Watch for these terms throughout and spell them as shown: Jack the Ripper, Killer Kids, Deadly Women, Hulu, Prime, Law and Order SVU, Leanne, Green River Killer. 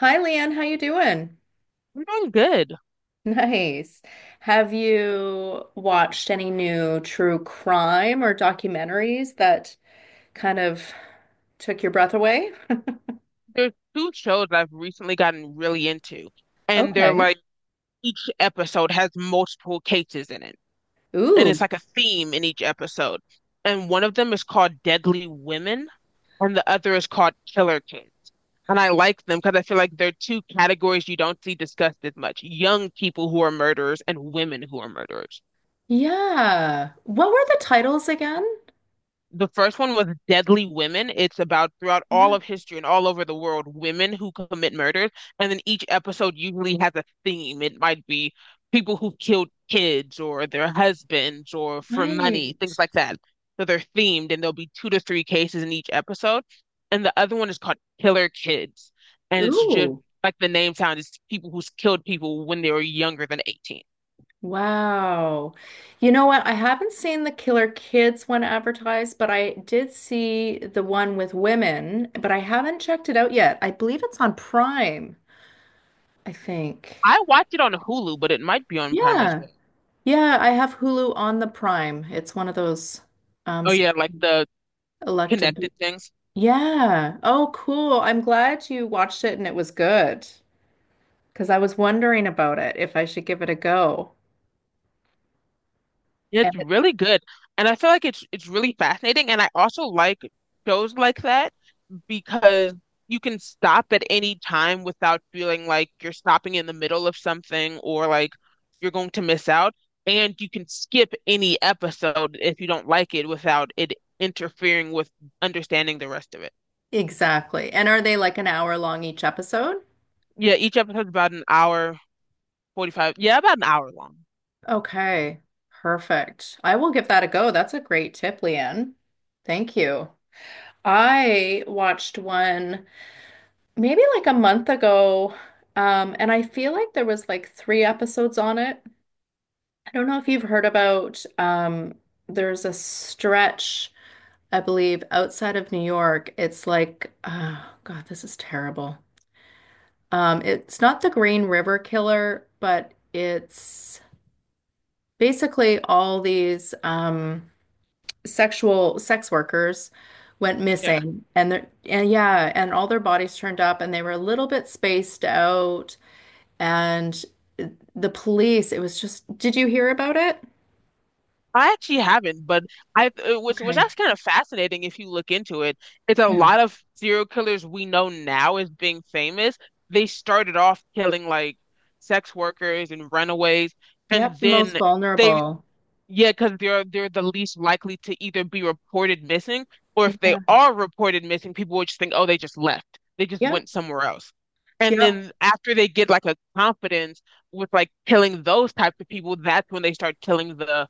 Hi, Leanne. How you doing? I'm doing good. Nice. Have you watched any new true crime or documentaries that kind of took your breath away? There's two shows that I've recently gotten really into, and they're Okay. like each episode has multiple cases in it, and it's Ooh. like a theme in each episode. And one of them is called Deadly Women, and the other is called Killer Kids. And I like them because I feel like they're two categories you don't see discussed as much: young people who are murderers and women who are murderers. Yeah. What were the titles again? The first one was Deadly Women. It's about throughout all Yeah. of history and all over the world, women who commit murders. And then each episode usually has a theme. It might be people who killed kids or their husbands or for money, Right. things like that. So they're themed and there'll be two to three cases in each episode. And the other one is called Killer Kids. And it's just Ooh. like the name sounds, it's people who's killed people when they were younger than 18. Wow. You know what? I haven't seen the Killer Kids one advertised, but I did see the one with women, but I haven't checked it out yet. I believe it's on Prime, I think. I watched it on Hulu, but it might be on Prime as Yeah. well. Yeah, I have Hulu on the Prime. It's one of those um Oh s- yeah, like the elected. connected things. Yeah. Oh, cool. I'm glad you watched it and it was good because I was wondering about it if I should give it a go. And It's really good. And I feel like it's really fascinating. And I also like shows like that because you can stop at any time without feeling like you're stopping in the middle of something or like you're going to miss out. And you can skip any episode if you don't like it without it interfering with understanding the rest of it. exactly. And are they like an hour long each episode? Yeah, each episode's about an hour, 45. Yeah, about an hour long. Okay. Perfect. I will give that a go. That's a great tip, Leanne. Thank you. I watched one maybe like a month ago. And I feel like there was like three episodes on it. I don't know if you've heard about there's a stretch, I believe, outside of New York. It's like, oh God, this is terrible. It's not the Green River Killer, but it's basically all these sexual sex workers went Yeah. missing, and they're and yeah, and all their bodies turned up and they were a little bit spaced out. And the police, it was just, did you hear about it? I actually haven't, but I it was Okay. that's kind of fascinating if you look into it. It's a Yeah. lot of serial killers we know now as being famous. They started off killing like sex workers and runaways, and Yep, the most then they vulnerable. yeah, because they're the least likely to either be reported missing or if they Yeah. are reported missing, people would just think, oh, they just left. They just Yep, went somewhere else. And yep. then after they get like a confidence with like killing those types of people, that's when they start killing the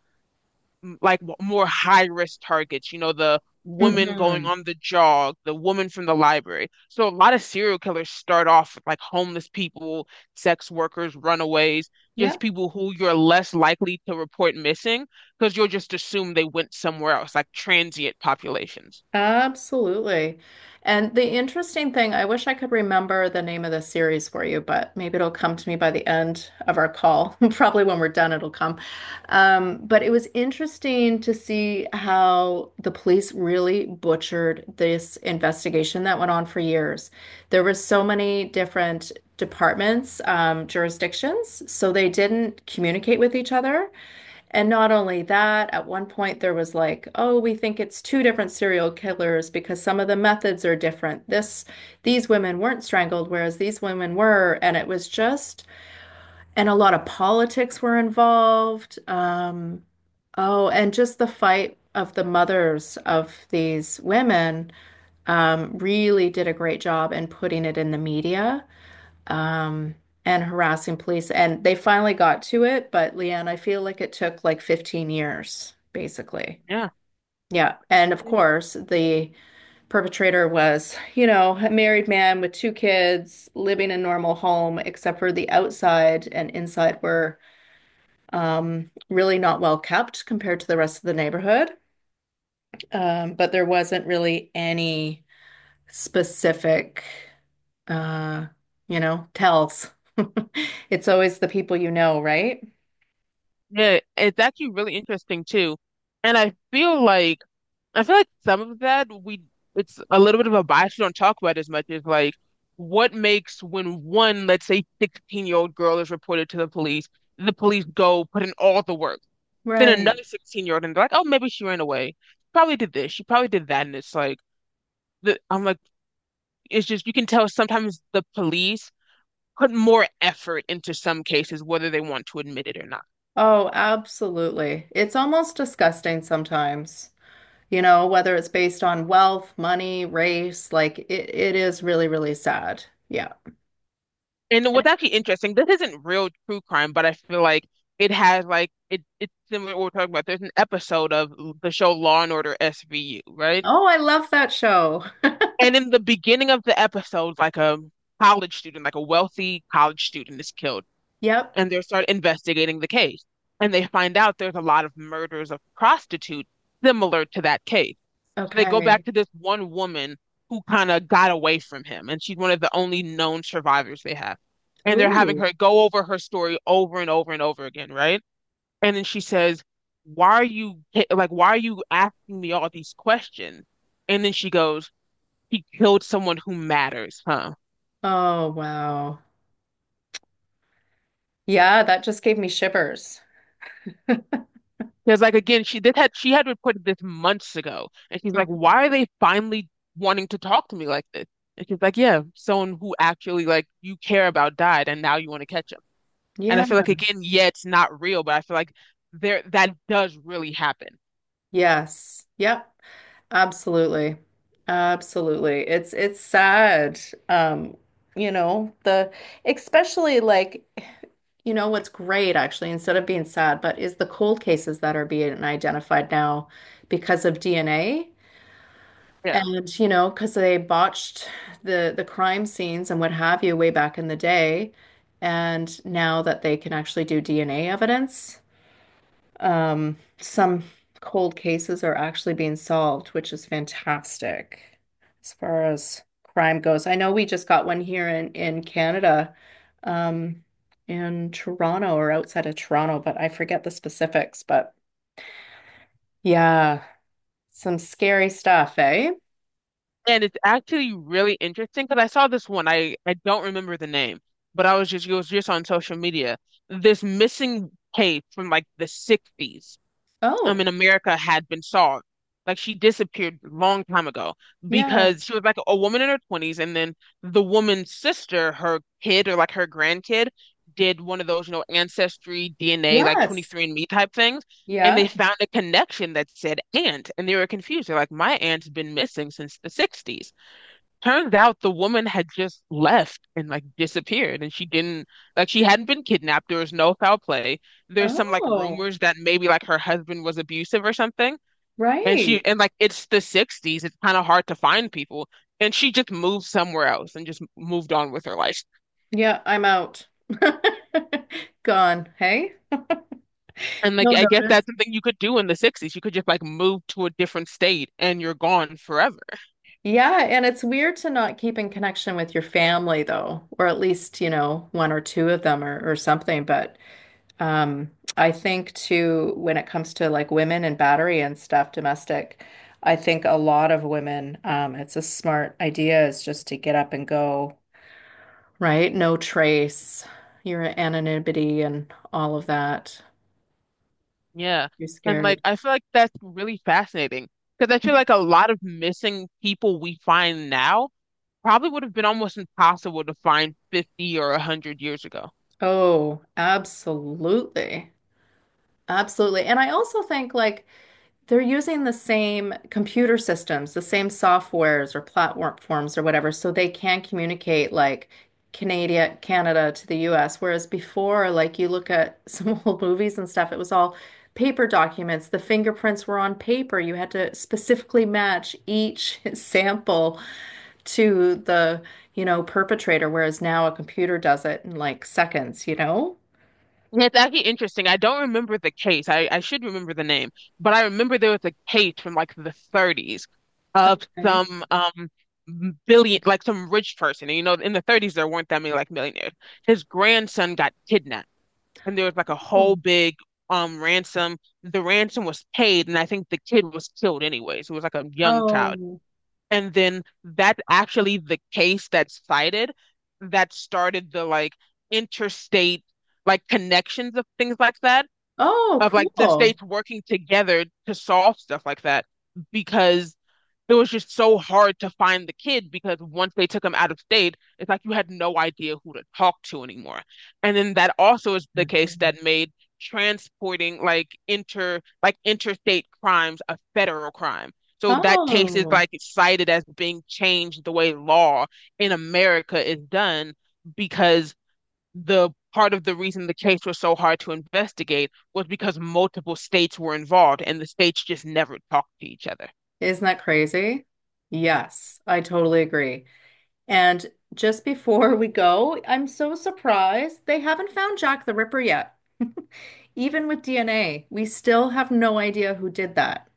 like more high risk targets, you know, the woman going Hmm. on the jog, the woman from the library. So a lot of serial killers start off with like homeless people, sex workers, runaways, just Yep. people who you're less likely to report missing because you'll just assume they went somewhere else, like transient populations. Absolutely. And the interesting thing, I wish I could remember the name of the series for you, but maybe it'll come to me by the end of our call. Probably when we're done, it'll come. But it was interesting to see how the police really butchered this investigation that went on for years. There were so many different departments, jurisdictions, so they didn't communicate with each other. And not only that, at one point there was like, oh, we think it's two different serial killers because some of the methods are different. These women weren't strangled, whereas these women were. And it was just, and a lot of politics were involved. Oh, and just the fight of the mothers of these women really did a great job in putting it in the media, um, and harassing police. And they finally got to it, but Leanne, I feel like it took like 15 years, basically. Yeah. Yeah. And of It's- course, the perpetrator was, you know, a married man with two kids living a normal home, except for the outside and inside were, really not well kept compared to the rest of the neighborhood. But there wasn't really any specific, uh, you know, tells. It's always the people you know, right? Yeah, it's actually really interesting too. And I feel like some of that we it's a little bit of a bias we don't talk about as much is like what makes when one, let's say 16-year-old girl is reported to the police go put in all the work. Then Right. another 16-year-old and they're like, oh, maybe she ran away. She probably did this. She probably did that. And it's like I'm like, it's just you can tell sometimes the police put more effort into some cases, whether they want to admit it or not. Oh, absolutely. It's almost disgusting sometimes, you know, whether it's based on wealth, money, race, it is really, really sad. Yeah. And what's actually interesting, this isn't real true crime, but I feel like it has like it's similar to what we're talking about. There's an episode of the show Law and Order SVU, right? Oh, I love that show. And in the beginning of the episode, like a college student, like a wealthy college student is killed, Yep. and they start investigating the case. And they find out there's a lot of murders of prostitutes similar to that case. So they go back Okay. to this one woman who kind of got away from him, and she's one of the only known survivors they have. And they're having Ooh. her go over her story over and over and over again, right? And then she says, "Why are you why are you asking me all these questions?" And then she goes, "He killed someone who matters, huh?" Oh, wow. Yeah, that just gave me shivers. Because like again, she had reported this months ago, and she's like, Mhm. "Why are they finally wanting to talk to me like this?" And she's like, "Yeah, someone who actually like you care about died, and now you want to catch." And I Yeah. feel like again, yeah, it's not real, but I feel like there that does really happen. Yes. Yep. Absolutely. Absolutely. It's sad. Um, the especially like what's great actually instead of being sad, but is the cold cases that are being identified now because of DNA, Yeah. and you know because they botched the crime scenes and what have you way back in the day, and now that they can actually do DNA evidence. Some cold cases are actually being solved, which is fantastic as far as crime goes. I know we just got one here in Canada, um, in Toronto or outside of Toronto, but I forget the specifics. But yeah, some scary stuff, eh? And it's actually really interesting because I saw this one. I don't remember the name, but I was just it was just on social media. This missing tape from like the 60s. Oh, In America had been solved. Like she disappeared a long time ago yeah. because she was like a woman in her 20s and then the woman's sister, her kid or like her grandkid did one of those, you know, ancestry DNA like Yes. 23andMe type things and they Yeah. found a connection that said aunt and they were confused. They're like my aunt's been missing since the 60s. Turns out the woman had just left and like disappeared, and she didn't like she hadn't been kidnapped. There was no foul play. There's some like Oh, rumors that maybe like her husband was abusive or something, and right. she and like it's the 60s. It's kind of hard to find people, and she just moved somewhere else and just moved on with her life. Yeah, I'm out. Gone, hey? And No like I guess notice. that's something you could do in the 60s. You could just like move to a different state and you're gone forever. Yeah, and it's weird to not keep in connection with your family though, or at least, you know, one or two of them, or something. But um, I think too, when it comes to like women and battery and stuff, domestic, I think a lot of women, it's a smart idea is just to get up and go, right? No trace, your anonymity and all of that. Yeah. You're And like scared. I feel like that's really fascinating because I feel like a lot of missing people we find now probably would have been almost impossible to find 50 or 100 years ago. Oh, absolutely. Absolutely. And I also think like they're using the same computer systems, the same softwares or platforms or whatever, so they can communicate like Canada to the US. Whereas before, like you look at some old movies and stuff, it was all paper documents. The fingerprints were on paper. You had to specifically match each sample to the, you know, perpetrator, whereas now a computer does it in like seconds, you know? And it's actually interesting. I don't remember the case. I should remember the name, but I remember there was a case from like the 30s of Okay. some billion, like some rich person. And you know, in the 30s, there weren't that many like millionaires. His grandson got kidnapped, and there was like a whole Oh. big ransom. The ransom was paid, and I think the kid was killed anyways. It was like a young child. Oh, And then that's actually the case that's cited that started the like interstate like connections of things like that, oh, of like the cool. states working together to solve stuff like that. Because it was just so hard to find the kid because once they took him out of state, it's like you had no idea who to talk to anymore. And then that also is the case that made transporting like interstate crimes a federal crime. So that case is Oh, like cited as being changed the way law in America is done because the part of the reason the case was so hard to investigate was because multiple states were involved and the states just never talked to each other. isn't that crazy? Yes, I totally agree. And just before we go, I'm so surprised they haven't found Jack the Ripper yet. Even with DNA, we still have no idea who did that.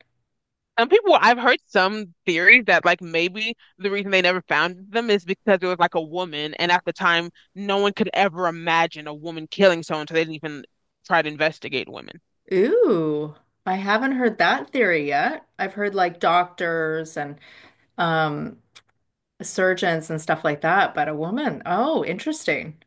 Some people, I've heard some theories that like maybe the reason they never found them is because it was like a woman, and at the time, no one could ever imagine a woman killing someone, so they didn't even try to investigate women. Ooh, I haven't heard that theory yet. I've heard like doctors and, um surgeons and stuff like that, but a woman. Oh, interesting.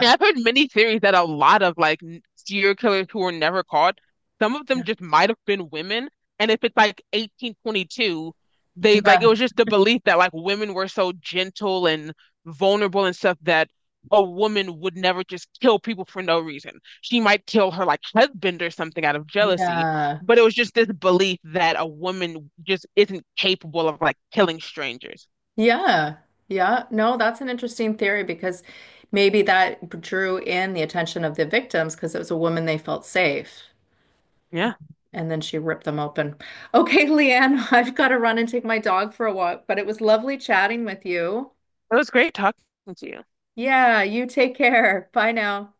Mean, I've heard many theories that a lot of like serial killers who were never caught, some of them Yeah. just might have been women. And if it's like 1822, they like it Yeah. was just the belief that like women were so gentle and vulnerable and stuff that a woman would never just kill people for no reason. She might kill her like husband or something out of jealousy, Yeah. but it was just this belief that a woman just isn't capable of like killing strangers. Yeah. Yeah. No, that's an interesting theory because maybe that drew in the attention of the victims because it was a woman, they felt safe. Yeah, And then she ripped them open. Okay, Leanne, I've got to run and take my dog for a walk, but it was lovely chatting with you. it was great talking to you. Yeah, you take care. Bye now.